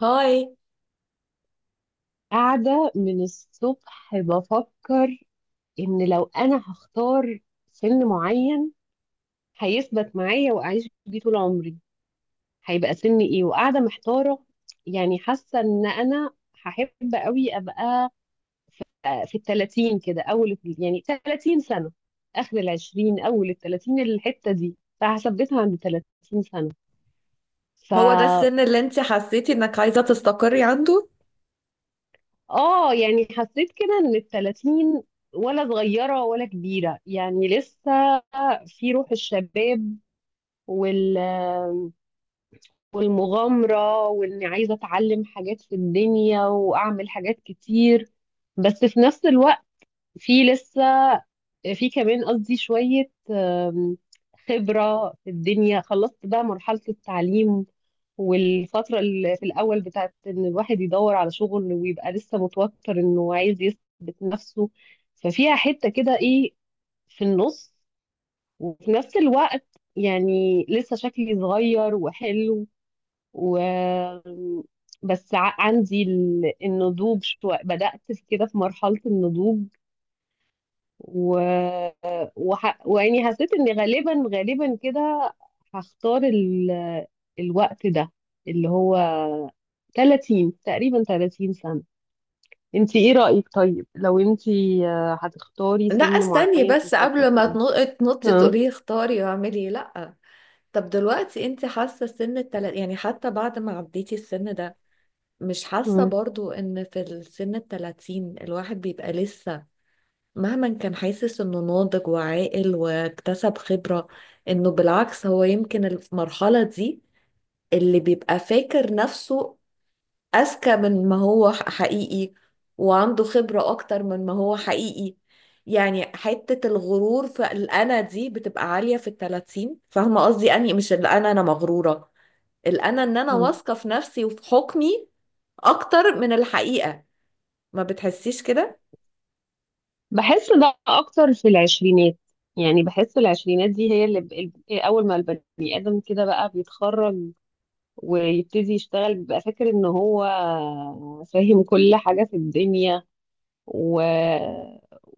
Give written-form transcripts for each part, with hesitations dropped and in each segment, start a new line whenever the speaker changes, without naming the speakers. هاي.
قاعدة من الصبح بفكر إن لو أنا هختار سن معين هيثبت معايا وأعيش بيه طول عمري، هيبقى سن إيه؟ وقاعدة محتارة، يعني حاسة إن أنا هحب قوي أبقى، في التلاتين كده، أول يعني 30 سنة، آخر العشرين أول التلاتين الحتة دي، فهثبتها عند تلاتين
هو ده
سنة
السن اللي انت حسيتي انك عايزة تستقري عنده؟
اه، يعني حسيت كده ان التلاتين ولا صغيرة ولا كبيرة، يعني لسه في روح الشباب وال والمغامرة، واني عايزة اتعلم حاجات في الدنيا واعمل حاجات كتير. بس في نفس الوقت، في لسه، في كمان قصدي شوية خبرة في الدنيا، خلصت بقى مرحلة التعليم والفترة اللي في الأول بتاعت إن الواحد يدور على شغل ويبقى لسه متوتر إنه عايز يثبت نفسه، ففيها حتة كده إيه، في النص. وفي نفس الوقت يعني لسه شكلي صغير وحلو، و بس عندي النضوج شوية، بدأت في كده في مرحلة النضوج. و... ويعني حسيت ان غالبا كده هختار الوقت ده، اللي هو 30 تقريبا، 30 سنة. انت ايه رأيك طيب، لو انت هتختاري
لا،
سن
استني
معين
بس
تثبتي
قبل ما
فيه؟
تنطي
اه.
تقولي اختاري واعملي لا. طب دلوقتي انت حاسة سن التلات، يعني حتى بعد ما عديتي السن ده مش حاسة
مم.
برضو ان في السن التلاتين الواحد بيبقى لسه مهما كان حاسس انه ناضج وعاقل واكتسب خبرة، انه بالعكس هو يمكن المرحلة دي اللي بيبقى فاكر نفسه أذكى من ما هو حقيقي وعنده خبرة أكتر من ما هو حقيقي. يعني حتة الغرور في الأنا دي بتبقى عالية في التلاتين، فاهمة قصدي؟ أني مش الأنا أنا مغرورة، الأنا إن أنا
مم.
واثقة في نفسي وفي حكمي أكتر من الحقيقة. ما بتحسيش كده؟
بحس ده اكتر في العشرينات، يعني بحس العشرينات دي هي اللي اول ما البني ادم كده بقى بيتخرج ويبتدي يشتغل، بيبقى فاكر ان هو فاهم كل حاجة في الدنيا. و...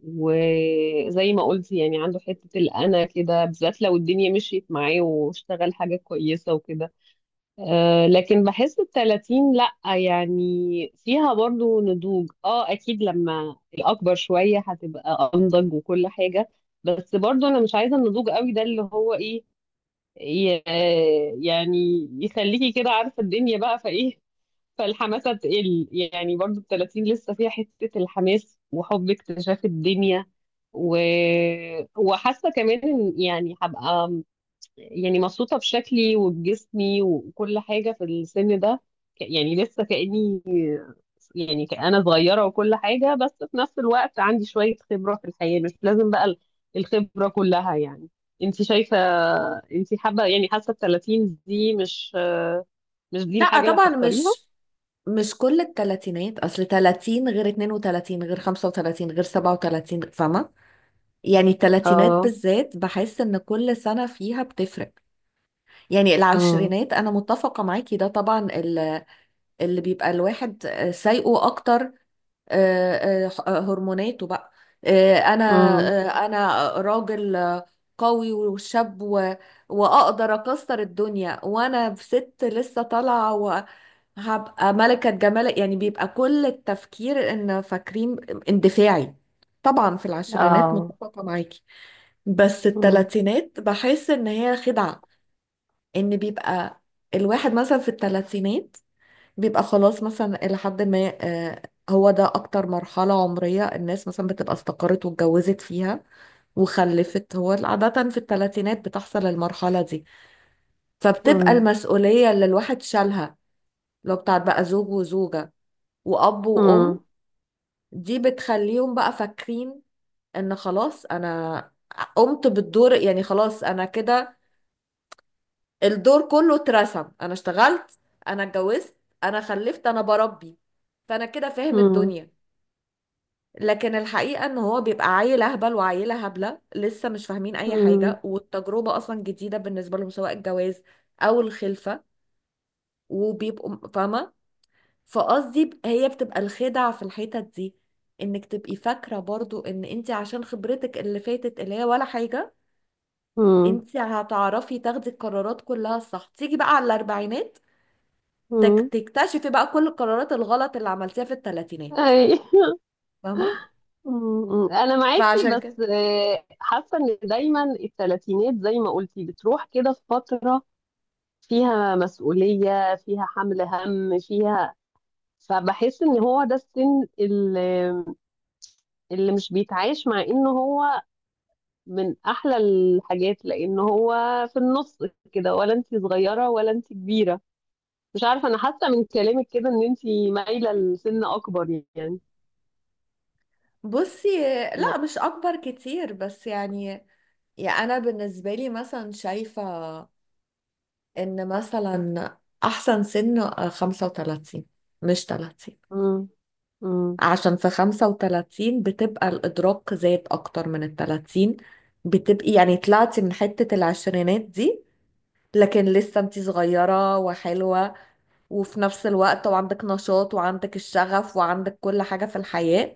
وزي ما قلت، يعني عنده حتة الأنا كده، بالذات لو الدنيا مشيت معاه واشتغل حاجة كويسة وكده. أه، لكن بحس التلاتين لأ، يعني فيها برضو نضوج. اه، أكيد لما الأكبر شوية هتبقى أنضج وكل حاجة، بس برضو أنا مش عايزة النضوج قوي ده، اللي هو إيه، ي- يعني يخليكي كده عارفة الدنيا بقى فايه، فالحماسة تقل. يعني برضو التلاتين لسه فيها حتة الحماس وحب اكتشاف الدنيا. و... وحاسة كمان إن يعني هبقى، يعني مبسوطة بشكلي وبجسمي وكل حاجة في السن ده. يعني لسه كأني، يعني انا صغيره وكل حاجه، بس في نفس الوقت عندي شويه خبره في الحياه، مش لازم بقى الخبره كلها يعني. انت شايفه، انت حابه يعني، حاسه ال 30 دي مش دي
لا
الحاجه اللي
طبعا،
هتختاريها؟
مش كل التلاتينات، أصل تلاتين غير اتنين وتلاتين غير خمسة وتلاتين غير سبعة وتلاتين، فاهمة؟ يعني التلاتينات
اه.
بالذات بحس إن كل سنة فيها بتفرق. يعني
امم.
العشرينات انا متفقه معاكي، ده طبعا اللي بيبقى الواحد سايقه اكتر. هرموناته بقى. آه، انا
امم.
انا راجل، قوي وشاب واقدر اكسر الدنيا وانا في ست لسه طالعه وهبقى ملكه جمال. يعني بيبقى كل التفكير ان فاكرين اندفاعي. طبعا في العشرينات
اه.
متفقه معاكي، بس
امم.
التلاتينات بحس ان هي خدعه. ان بيبقى الواحد مثلا في الثلاثينات بيبقى خلاص مثلا الى حد ما، آه، هو ده اكتر مرحلة عمرية الناس مثلا بتبقى استقرت واتجوزت فيها وخلفت. هو عادة في الثلاثينات بتحصل المرحلة دي، فبتبقى
امم.
المسؤولية اللي الواحد شالها لو بتاعت بقى زوج وزوجة وأب وأم،
امم.
دي بتخليهم بقى فاكرين إن خلاص أنا قمت بالدور. يعني خلاص أنا كده الدور كله اترسم، انا اشتغلت، انا اتجوزت، انا خلفت، انا بربي، فانا كده فاهم
امم.
الدنيا. لكن الحقيقة ان هو بيبقى عيل اهبل وعيلة هبلة لسه مش فاهمين اي
امم.
حاجة والتجربة اصلا جديدة بالنسبة لهم، سواء الجواز او الخلفة. وبيبقوا فاهمة؟ فقصدي هي بتبقى الخدع في الحتت دي، انك تبقي فاكرة برضو ان انت عشان خبرتك اللي فاتت اللي هي ولا حاجة
امم.
انت هتعرفي تاخدي القرارات كلها الصح. تيجي بقى على الاربعينات
امم.
تكتشفي بقى كل القرارات الغلط اللي عملتيها في الثلاثينات،
اي.
فاهمة؟
انا معاكي
فعشان كده
بس، حاسه ان دايما الثلاثينات زي ما قلتي بتروح كده في فتره فيها مسؤولية، فيها حمل هم، فيها، فبحس ان هو ده السن اللي مش بيتعايش مع انه هو من احلى الحاجات، لان هو في النص كده، ولا انت صغيرة ولا انت كبيرة. مش عارفة، انا حاسة من كلامك كده ان انت مايلة لسن اكبر يعني.
بصي، لا مش أكبر كتير بس يعني، يعني أنا بالنسبة لي مثلا شايفة إن مثلا أحسن سن 35 مش 30.
امم. امم.
عشان في 35 بتبقى الإدراك زاد أكتر من ال 30، بتبقي يعني طلعتي من حتة العشرينات دي لكن لسه انتي صغيرة وحلوة، وفي نفس الوقت وعندك نشاط وعندك الشغف وعندك كل حاجة في الحياة.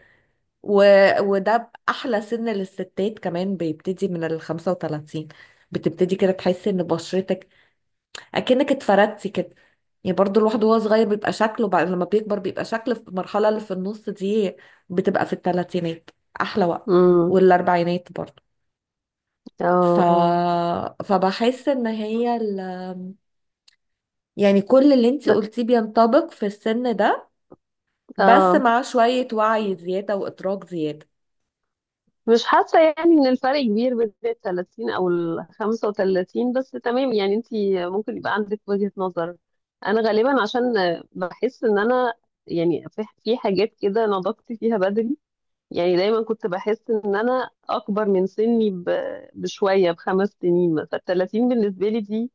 و... وده أحلى سن للستات، كمان بيبتدي من ال 35. بتبتدي كده تحسي إن بشرتك أكنك اتفردتي كده. يعني برضو الواحد وهو صغير بيبقى شكله، بعد لما بيكبر بيبقى شكله في المرحلة اللي في النص دي، بتبقى في الثلاثينات أحلى وقت،
امم.
والأربعينات برضو. ف...
اه. اه.
فبحس إن هي يعني كل اللي انتي
ب-
قلتيه بينطبق في السن ده، بس
اه.
مع شوية وعي زيادة وإدراك زيادة.
مش حاسة يعني ان الفرق كبير بين ال 30 او ال 35، بس تمام يعني، انت ممكن يبقى عندك وجهة نظر. انا غالبا عشان بحس ان انا يعني، في حاجات كده نضجت فيها بدري. يعني دايما كنت بحس ان انا اكبر من سني بشوية، ب5 سنين مثلا. 30 بالنسبة لي دي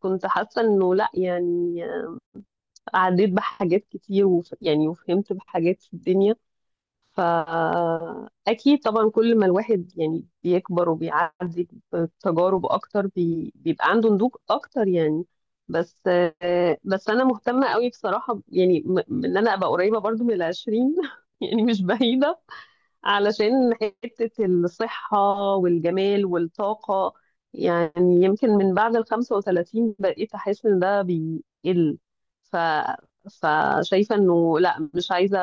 كنت حاسة انه لا، يعني عديت بحاجات كتير، يعني وفهمت بحاجات في الدنيا. فأكيد طبعا كل ما الواحد يعني بيكبر وبيعدي بتجارب أكتر، بيبقى عنده نضوج أكتر يعني. بس بس أنا مهتمة قوي بصراحة يعني، إن أنا أبقى قريبة برضو من العشرين. يعني مش بعيدة، علشان حتة الصحة والجمال والطاقة. يعني يمكن من بعد ال 35 بقيت أحس إن ده بيقل، ف... فشايفة إنه لأ، مش عايزة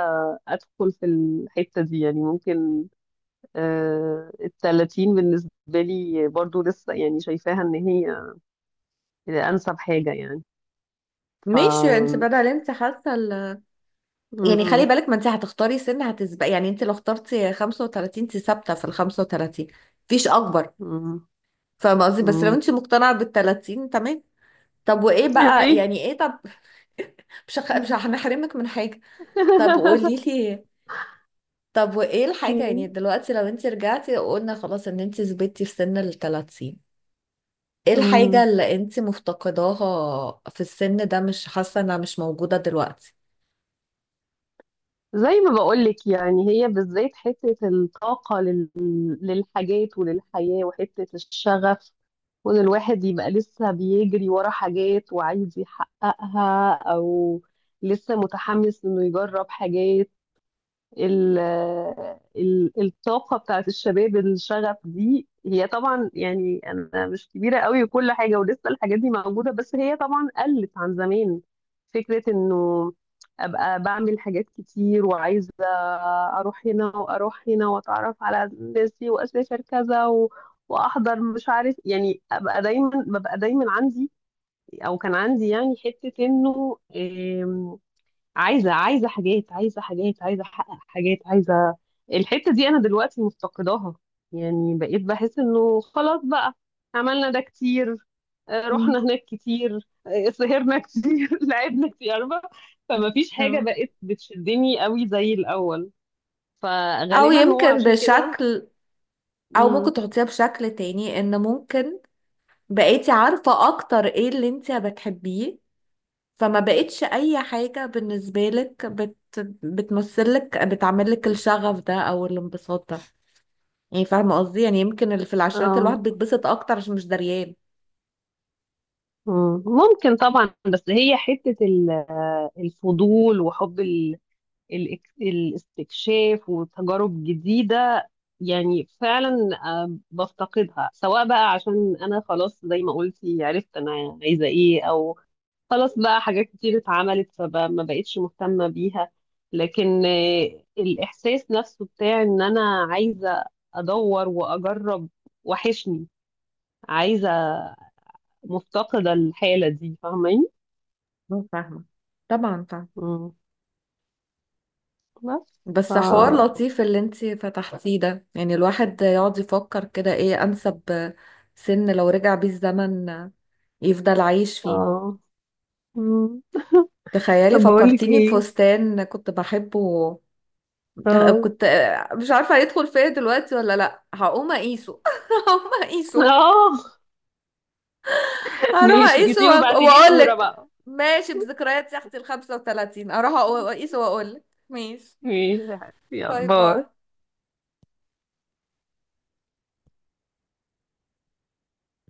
أدخل في الحتة دي. يعني ممكن ال 30 بالنسبة لي برضو لسه يعني شايفاها إن هي أنسب حاجة يعني. ف
ماشي انت، بدل انت حاسه يعني خلي
مم.
بالك، ما انت هتختاري سن هتسبق. يعني انت لو اخترتي 35 انت ثابته في ال 35، مفيش اكبر،
مم.
فاهمه قصدي؟ بس لو
مم.
انت مقتنعه بال 30 تمام. طب وايه بقى،
أي.
يعني ايه طب؟ مش هنحرمك من حاجه. طب قولي لي، طب وايه الحاجه يعني دلوقتي لو انت رجعتي وقلنا خلاص ان انت ثبتي في سن ال 30، ايه الحاجة
مم.
اللي انت مفتقداها في السن ده مش حاسة انها مش موجودة دلوقتي؟
زي ما بقولك، يعني هي بالذات حتة الطاقة للحاجات وللحياة، وحتة الشغف، وإن الواحد يبقى لسه بيجري ورا حاجات وعايز يحققها، أو لسه متحمس إنه يجرب حاجات. ال ال الطاقة بتاعت الشباب، الشغف دي هي طبعا، يعني أنا مش كبيرة قوي وكل حاجة، ولسه الحاجات دي موجودة، بس هي طبعا قلت عن زمان. فكرة إنه أبقى بعمل حاجات كتير، وعايزة أروح هنا وأروح هنا وأتعرف على الناس دي وأسافر كذا، وأحضر مش عارف، يعني أبقى دايما، ببقى دايما عندي أو كان عندي يعني حتة إنه عايزه، عايزه حاجات، عايزه حاجات، عايزه احقق حاجات، عايزه. الحته دي انا دلوقتي مفتقداها، يعني بقيت بحس انه خلاص بقى، عملنا ده كتير،
مم.
رحنا هناك كتير، سهرنا كتير، لعبنا كتير، عارفة؟ فما فيش حاجه
اه،
بقت بتشدني قوي زي الاول،
او
فغالبا هو
يمكن
عشان كده.
بشكل، او ممكن
مم.
تحطيها بشكل تاني، ان ممكن بقيتي عارفة اكتر ايه اللي انت بتحبيه، فما بقتش اي حاجة بالنسبة لك بتمثلك بتعملك الشغف ده او الانبساط ده. يعني فاهمة قصدي؟ يعني يمكن اللي في العشرات
اه.
الواحد بيتبسط اكتر عشان مش دريان.
مم. ممكن طبعا، بس هي حته الفضول، وحب الاستكشاف وتجارب جديدة. يعني فعلا بفتقدها، سواء بقى عشان أنا خلاص زي ما قلتي عرفت أنا عايزة إيه، أو خلاص بقى حاجات كتير اتعملت فما بقتش مهتمة بيها. لكن الإحساس نفسه بتاع إن أنا عايزة أدور وأجرب، وحشني، عايزة، مفتقدة الحالة دي، فاهماني؟
مو فاهمة، طبعا فاهمة.
مم. بس
بس حوار لطيف اللي انتي فتحتيه ده، يعني الواحد يقعد يفكر كده ايه انسب سن لو رجع بيه الزمن يفضل عايش فيه.
آه. مم.
تخيلي
طب بقول لك
فكرتيني
ايه.
بفستان كنت بحبه.
اه.
كنت مش عارفة هيدخل فيا دلوقتي ولا لا. هقوم اقيسه، هقوم اقيسه،
اه.
هروح
ماشي،
اقيسه
سيبي ابعتيلي صورة
واقولك
بقى.
ماشي. بذكريات يا اختي ال 35، هروح اقيسه واقولك ماشي.
ماشي يا حبيبتي،
باي
يلا
باي.
باي.